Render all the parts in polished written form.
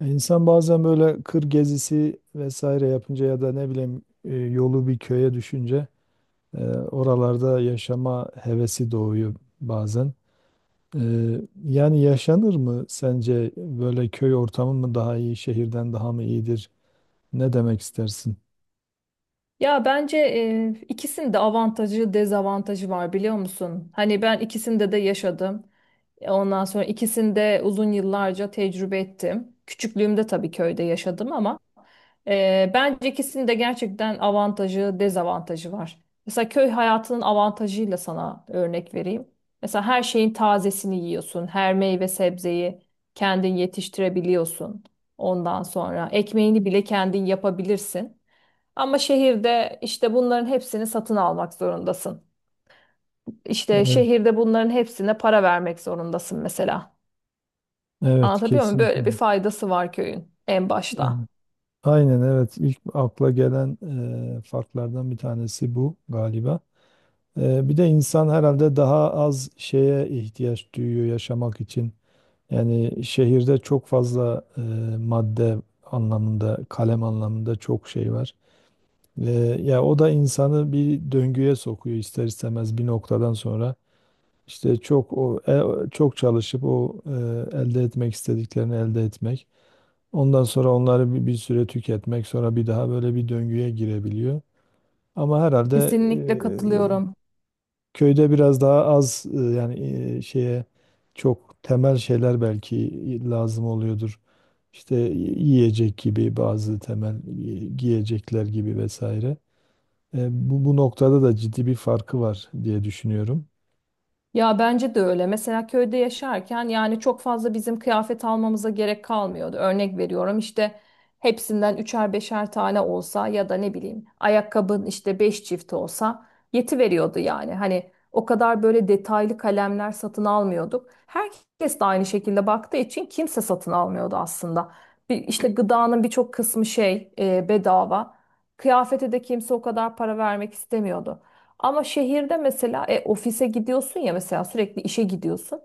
Ya İnsan bazen böyle kır gezisi vesaire yapınca ya da ne bileyim yolu bir köye düşünce oralarda yaşama hevesi doğuyor bazen. E, Yani yaşanır mı sence böyle köy ortamı mı daha iyi, şehirden daha mı iyidir? Ne demek istersin? Ya bence ikisinin de avantajı, dezavantajı var biliyor musun? Hani ben ikisinde de yaşadım. Ondan sonra ikisinde uzun yıllarca tecrübe ettim. Küçüklüğümde tabii köyde yaşadım ama bence ikisinin de gerçekten avantajı, dezavantajı var. Mesela köy hayatının avantajıyla sana örnek vereyim. Mesela her şeyin tazesini yiyorsun. Her meyve sebzeyi kendin yetiştirebiliyorsun. Ondan sonra ekmeğini bile kendin yapabilirsin. Ama şehirde işte bunların hepsini satın almak zorundasın. İşte Evet, şehirde bunların hepsine para vermek zorundasın mesela. evet Anlatabiliyor muyum? kesinlikle. Böyle bir faydası var köyün en Evet. başta. Aynen, evet, ilk akla gelen farklardan bir tanesi bu galiba. Bir de insan herhalde daha az şeye ihtiyaç duyuyor yaşamak için. Yani şehirde çok fazla madde anlamında, kalem anlamında çok şey var. E, Ya o da insanı bir döngüye sokuyor ister istemez bir noktadan sonra. İşte çok o çok çalışıp o elde etmek istediklerini elde etmek. Ondan sonra onları bir süre tüketmek, sonra bir daha böyle bir döngüye girebiliyor. Ama herhalde Kesinlikle katılıyorum. köyde biraz daha az yani şeye, çok temel şeyler belki lazım oluyordur, işte yiyecek gibi bazı temel giyecekler gibi vesaire. Bu noktada da ciddi bir farkı var diye düşünüyorum. Ya bence de öyle. Mesela köyde yaşarken yani çok fazla bizim kıyafet almamıza gerek kalmıyordu. Örnek veriyorum işte hepsinden üçer beşer tane olsa ya da ne bileyim ayakkabın işte beş çift olsa yeti veriyordu yani. Hani o kadar böyle detaylı kalemler satın almıyorduk. Herkes de aynı şekilde baktığı için kimse satın almıyordu aslında. Bir, işte gıdanın birçok kısmı şey bedava. Kıyafete de kimse o kadar para vermek istemiyordu. Ama şehirde mesela ofise gidiyorsun ya mesela sürekli işe gidiyorsun.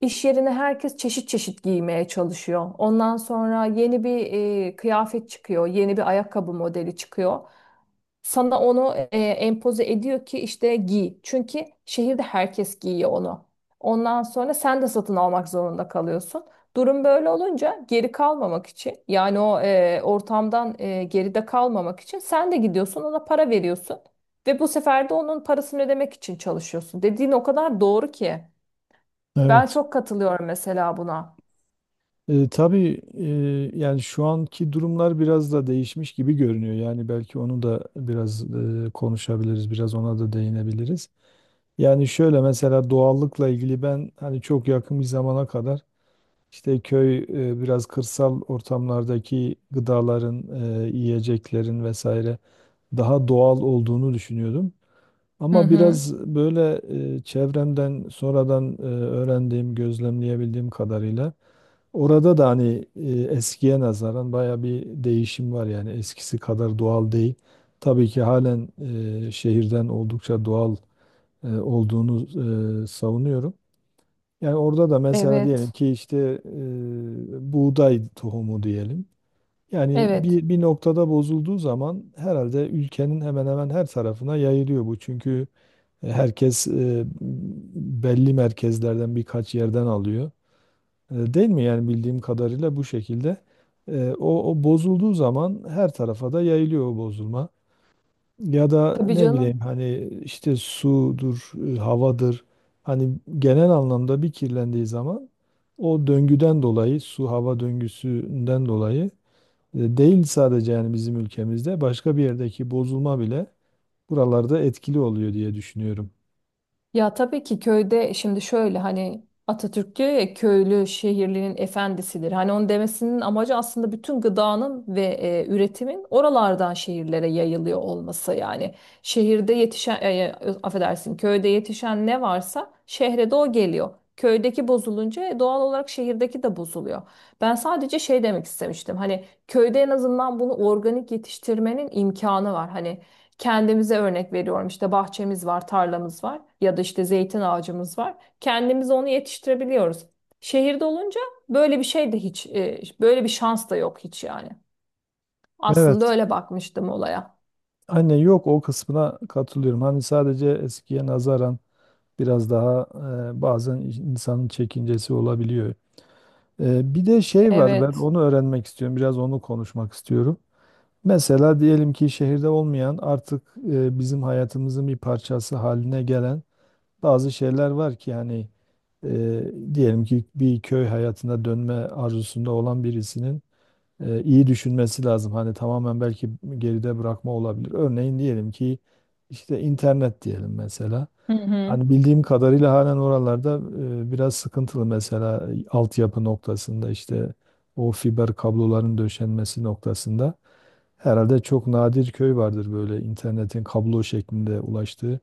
İş yerine herkes çeşit çeşit giymeye çalışıyor. Ondan sonra yeni bir kıyafet çıkıyor, yeni bir ayakkabı modeli çıkıyor. Sana onu empoze ediyor ki işte giy. Çünkü şehirde herkes giyiyor onu. Ondan sonra sen de satın almak zorunda kalıyorsun. Durum böyle olunca geri kalmamak için yani o ortamdan geride kalmamak için sen de gidiyorsun ona para veriyorsun. Ve bu sefer de onun parasını ödemek için çalışıyorsun. Dediğin o kadar doğru ki. Ben Evet. çok katılıyorum mesela buna. Tabii yani şu anki durumlar biraz da değişmiş gibi görünüyor. Yani belki onu da biraz konuşabiliriz, biraz ona da değinebiliriz. Yani şöyle, mesela doğallıkla ilgili ben hani çok yakın bir zamana kadar İşte köy biraz kırsal ortamlardaki gıdaların, yiyeceklerin vesaire daha doğal olduğunu düşünüyordum. Hı Ama hı. biraz böyle çevremden sonradan öğrendiğim, gözlemleyebildiğim kadarıyla orada da hani eskiye nazaran baya bir değişim var, yani eskisi kadar doğal değil. Tabii ki halen şehirden oldukça doğal olduğunu savunuyorum. Yani orada da mesela diyelim Evet. ki işte buğday tohumu diyelim. Yani Evet. bir noktada bozulduğu zaman herhalde ülkenin hemen hemen her tarafına yayılıyor bu. Çünkü herkes belli merkezlerden birkaç yerden alıyor. Değil mi? Yani bildiğim kadarıyla bu şekilde. O bozulduğu zaman her tarafa da yayılıyor o bozulma. Ya da Tabii ne bileyim canım. hani işte sudur, havadır. Hani genel anlamda bir kirlendiği zaman, o döngüden dolayı, su hava döngüsünden dolayı değil sadece, yani bizim ülkemizde, başka bir yerdeki bozulma bile buralarda etkili oluyor diye düşünüyorum. Ya tabii ki köyde şimdi şöyle hani Atatürk diyor ya köylü şehirlinin efendisidir. Hani onun demesinin amacı aslında bütün gıdanın ve üretimin oralardan şehirlere yayılıyor olması. Yani şehirde affedersin köyde yetişen ne varsa şehre de o geliyor. Köydeki bozulunca doğal olarak şehirdeki de bozuluyor. Ben sadece şey demek istemiştim. Hani köyde en azından bunu organik yetiştirmenin imkanı var. Hani kendimize örnek veriyorum işte bahçemiz var, tarlamız var ya da işte zeytin ağacımız var. Kendimiz onu yetiştirebiliyoruz. Şehirde olunca böyle bir şey de hiç böyle bir şans da yok hiç yani. Aslında Evet. öyle bakmıştım olaya. Anne, yok, o kısmına katılıyorum. Hani sadece eskiye nazaran biraz daha bazen insanın çekincesi olabiliyor. Bir de şey var, ben Evet. onu öğrenmek istiyorum. Biraz onu konuşmak istiyorum. Mesela diyelim ki şehirde olmayan, artık bizim hayatımızın bir parçası haline gelen bazı şeyler var ki, yani e, diyelim ki bir köy hayatına dönme arzusunda olan birisinin iyi düşünmesi lazım. Hani tamamen belki geride bırakma olabilir. Örneğin diyelim ki işte internet diyelim mesela. Hı hı. Hani bildiğim kadarıyla halen oralarda biraz sıkıntılı, mesela altyapı noktasında, işte o fiber kabloların döşenmesi noktasında. Herhalde çok nadir köy vardır böyle internetin kablo şeklinde ulaştığı.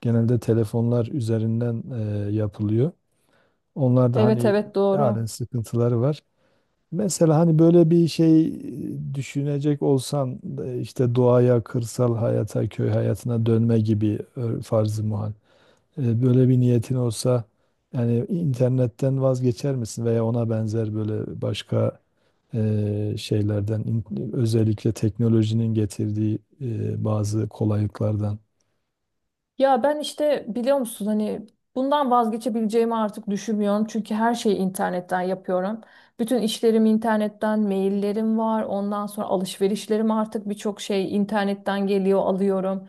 Genelde telefonlar üzerinden yapılıyor. Onlar da Evet, hani evet halen doğru. sıkıntıları var. Mesela hani böyle bir şey düşünecek olsan işte doğaya, kırsal hayata, köy hayatına dönme gibi farz-ı muhal. Böyle bir niyetin olsa, yani internetten vazgeçer misin veya ona benzer böyle başka e, şeylerden in- özellikle teknolojinin getirdiği bazı kolaylıklardan. Ya ben işte biliyor musun hani bundan vazgeçebileceğimi artık düşünmüyorum. Çünkü her şeyi internetten yapıyorum. Bütün işlerim internetten, maillerim var. Ondan sonra alışverişlerim artık birçok şey internetten geliyor, alıyorum.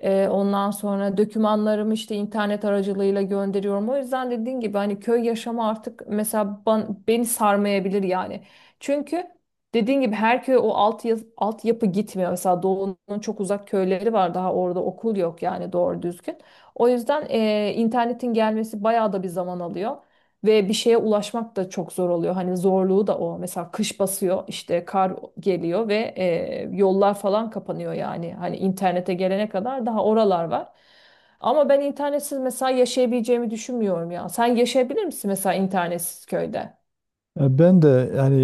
Ondan sonra dokümanlarımı işte internet aracılığıyla gönderiyorum. O yüzden dediğin gibi hani köy yaşamı artık mesela beni sarmayabilir yani. Çünkü dediğin gibi her köy o altyapı gitmiyor. Mesela Doğu'nun çok uzak köyleri var daha orada okul yok yani doğru düzgün. O yüzden internetin gelmesi bayağı da bir zaman alıyor. Ve bir şeye ulaşmak da çok zor oluyor. Hani zorluğu da o. Mesela kış basıyor işte kar geliyor ve yollar falan kapanıyor yani. Hani internete gelene kadar daha oralar var. Ama ben internetsiz mesela yaşayabileceğimi düşünmüyorum ya. Sen yaşayabilir misin mesela internetsiz köyde? Ya ben de yani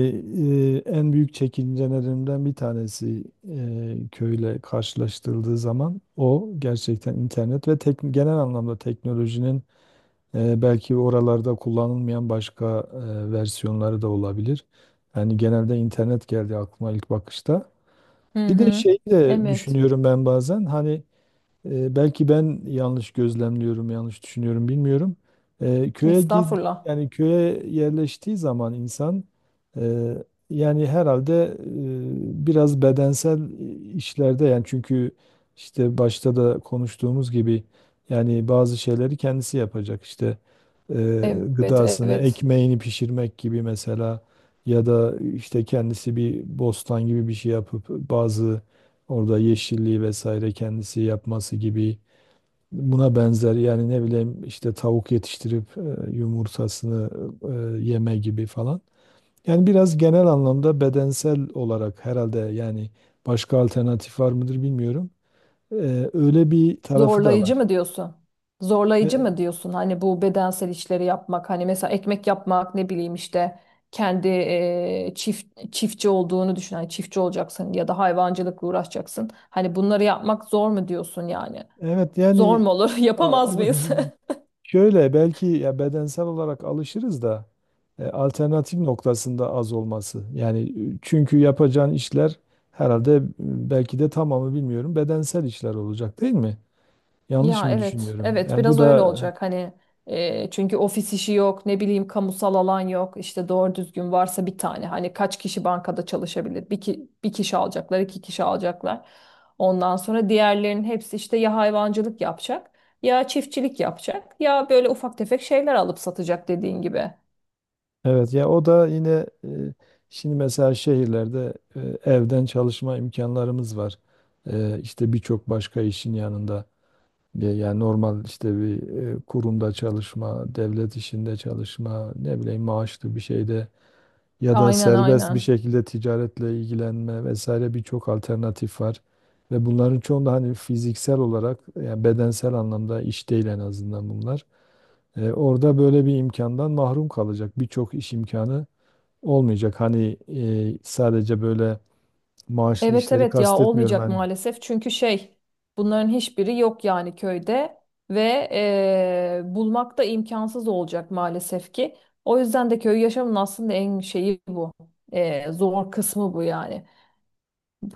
en büyük çekincelerimden bir tanesi köyle karşılaştırıldığı zaman o gerçekten internet ve genel anlamda teknolojinin belki oralarda kullanılmayan başka versiyonları da olabilir. Yani genelde internet geldi aklıma ilk bakışta. Hı Bir de hı. şeyi de Evet. düşünüyorum ben bazen, hani belki ben yanlış gözlemliyorum, yanlış düşünüyorum, bilmiyorum. E, köye gid Estağfurullah. Yani köye yerleştiği zaman insan e, yani herhalde biraz bedensel işlerde, yani çünkü işte başta da konuştuğumuz gibi, yani bazı şeyleri kendisi yapacak, işte Evet, gıdasını, evet. ekmeğini pişirmek gibi mesela, ya da işte kendisi bir bostan gibi bir şey yapıp bazı orada yeşilliği vesaire kendisi yapması gibi, buna benzer, yani ne bileyim işte tavuk yetiştirip yumurtasını yeme gibi falan. Yani biraz genel anlamda bedensel olarak herhalde, yani başka alternatif var mıdır bilmiyorum. E, Öyle bir tarafı da Zorlayıcı var. mı diyorsun? Zorlayıcı E, mı diyorsun? Hani bu bedensel işleri yapmak, hani mesela ekmek yapmak, ne bileyim işte kendi çiftçi olduğunu düşün. Hani çiftçi olacaksın ya da hayvancılıkla uğraşacaksın. Hani bunları yapmak zor mu diyorsun yani? evet, Zor yani mu olur? a- Yapamaz mıyız? şöyle, belki ya bedensel olarak alışırız da alternatif noktasında az olması. Yani çünkü yapacağın işler herhalde belki de tamamı bilmiyorum, bedensel işler olacak değil mi? Yanlış Ya mı evet, düşünüyorum? evet Yani bu biraz öyle da olacak hani çünkü ofis işi yok, ne bileyim kamusal alan yok, işte doğru düzgün varsa bir tane hani kaç kişi bankada çalışabilir? Bir, ki, bir kişi alacaklar, iki kişi alacaklar. Ondan sonra diğerlerinin hepsi işte ya hayvancılık yapacak, ya çiftçilik yapacak, ya böyle ufak tefek şeyler alıp satacak dediğin gibi. evet. Ya o da yine şimdi mesela şehirlerde evden çalışma imkanlarımız var. İşte birçok başka işin yanında. Yani normal işte bir kurumda çalışma, devlet işinde çalışma, ne bileyim maaşlı bir şeyde, ya da Aynen serbest bir aynen. şekilde ticaretle ilgilenme vesaire birçok alternatif var. Ve bunların çoğunda hani fiziksel olarak, yani bedensel anlamda iş değil en azından bunlar. Orada böyle bir imkandan mahrum kalacak. Birçok iş imkanı olmayacak. Hani sadece böyle maaşlı Evet, işleri evet ya kastetmiyorum olmayacak hani. maalesef çünkü şey bunların hiçbiri yok yani köyde ve bulmak da imkansız olacak maalesef ki. O yüzden de köy yaşamının aslında en şeyi bu. Zor kısmı bu yani.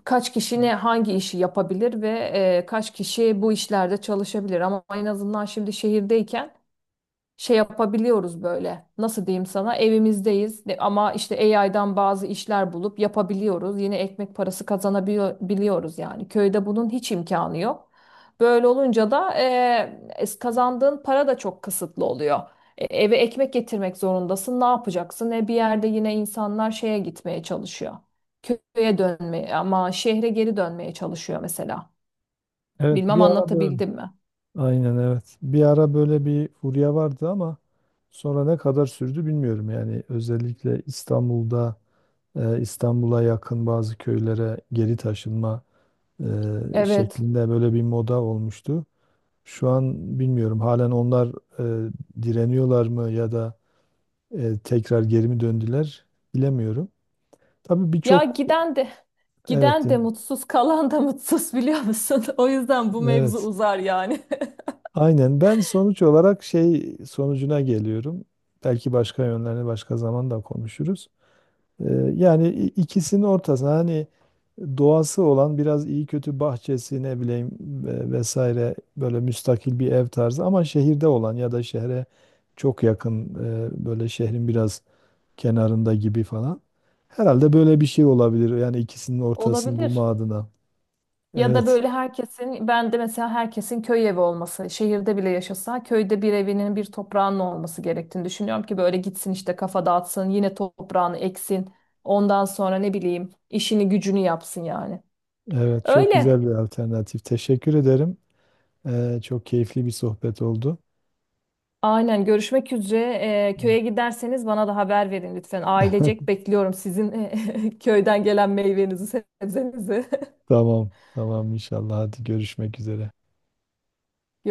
Kaç kişi ne hangi işi yapabilir ve kaç kişi bu işlerde çalışabilir ama en azından şimdi şehirdeyken şey yapabiliyoruz böyle. Nasıl diyeyim sana? Ama işte AI'dan bazı işler bulup yapabiliyoruz. Yine ekmek parası kazanabiliyoruz yani. Köyde bunun hiç imkanı yok. Böyle olunca da kazandığın para da çok kısıtlı oluyor. Eve ekmek getirmek zorundasın. Ne yapacaksın? Bir yerde yine insanlar şeye gitmeye çalışıyor. Köye dönmeye ama şehre geri dönmeye çalışıyor mesela. Evet, bir Bilmem ara böyle anlatabildim mi? aynen, evet. Bir ara böyle bir furya vardı ama sonra ne kadar sürdü bilmiyorum. Yani özellikle İstanbul'da İstanbul'a yakın bazı köylere geri taşınma Evet. şeklinde böyle bir moda olmuştu. Şu an bilmiyorum, halen onlar e, direniyorlar mı ya da tekrar geri mi döndüler bilemiyorum. Tabii Ya birçok giden de evet. giden de mutsuz, kalan da mutsuz biliyor musun? O yüzden bu mevzu Evet, uzar yani. aynen, ben sonuç olarak şey sonucuna geliyorum. Belki başka yönlerini başka zaman da konuşuruz. Ee, Yani ikisinin ortasına hani doğası olan biraz iyi kötü bahçesi ne bileyim vesaire böyle müstakil bir ev tarzı, ama şehirde olan ya da şehre çok yakın, böyle şehrin biraz kenarında gibi falan. Herhalde böyle bir şey olabilir, yani ikisinin ortasını Olabilir. bulma adına. Ya da Evet, böyle herkesin, ben de mesela herkesin köy evi olması, şehirde bile yaşasa köyde bir evinin bir toprağının olması gerektiğini düşünüyorum ki böyle gitsin işte kafa dağıtsın, yine toprağını eksin. Ondan sonra ne bileyim işini gücünü yapsın yani. evet, çok güzel Öyle. bir alternatif. Teşekkür ederim. Çok keyifli bir sohbet oldu. Aynen, görüşmek üzere. Köye giderseniz bana da haber verin lütfen. Ailecek bekliyorum sizin köyden gelen meyvenizi, sebzenizi. Tamam, tamam, inşallah. Hadi görüşmek üzere.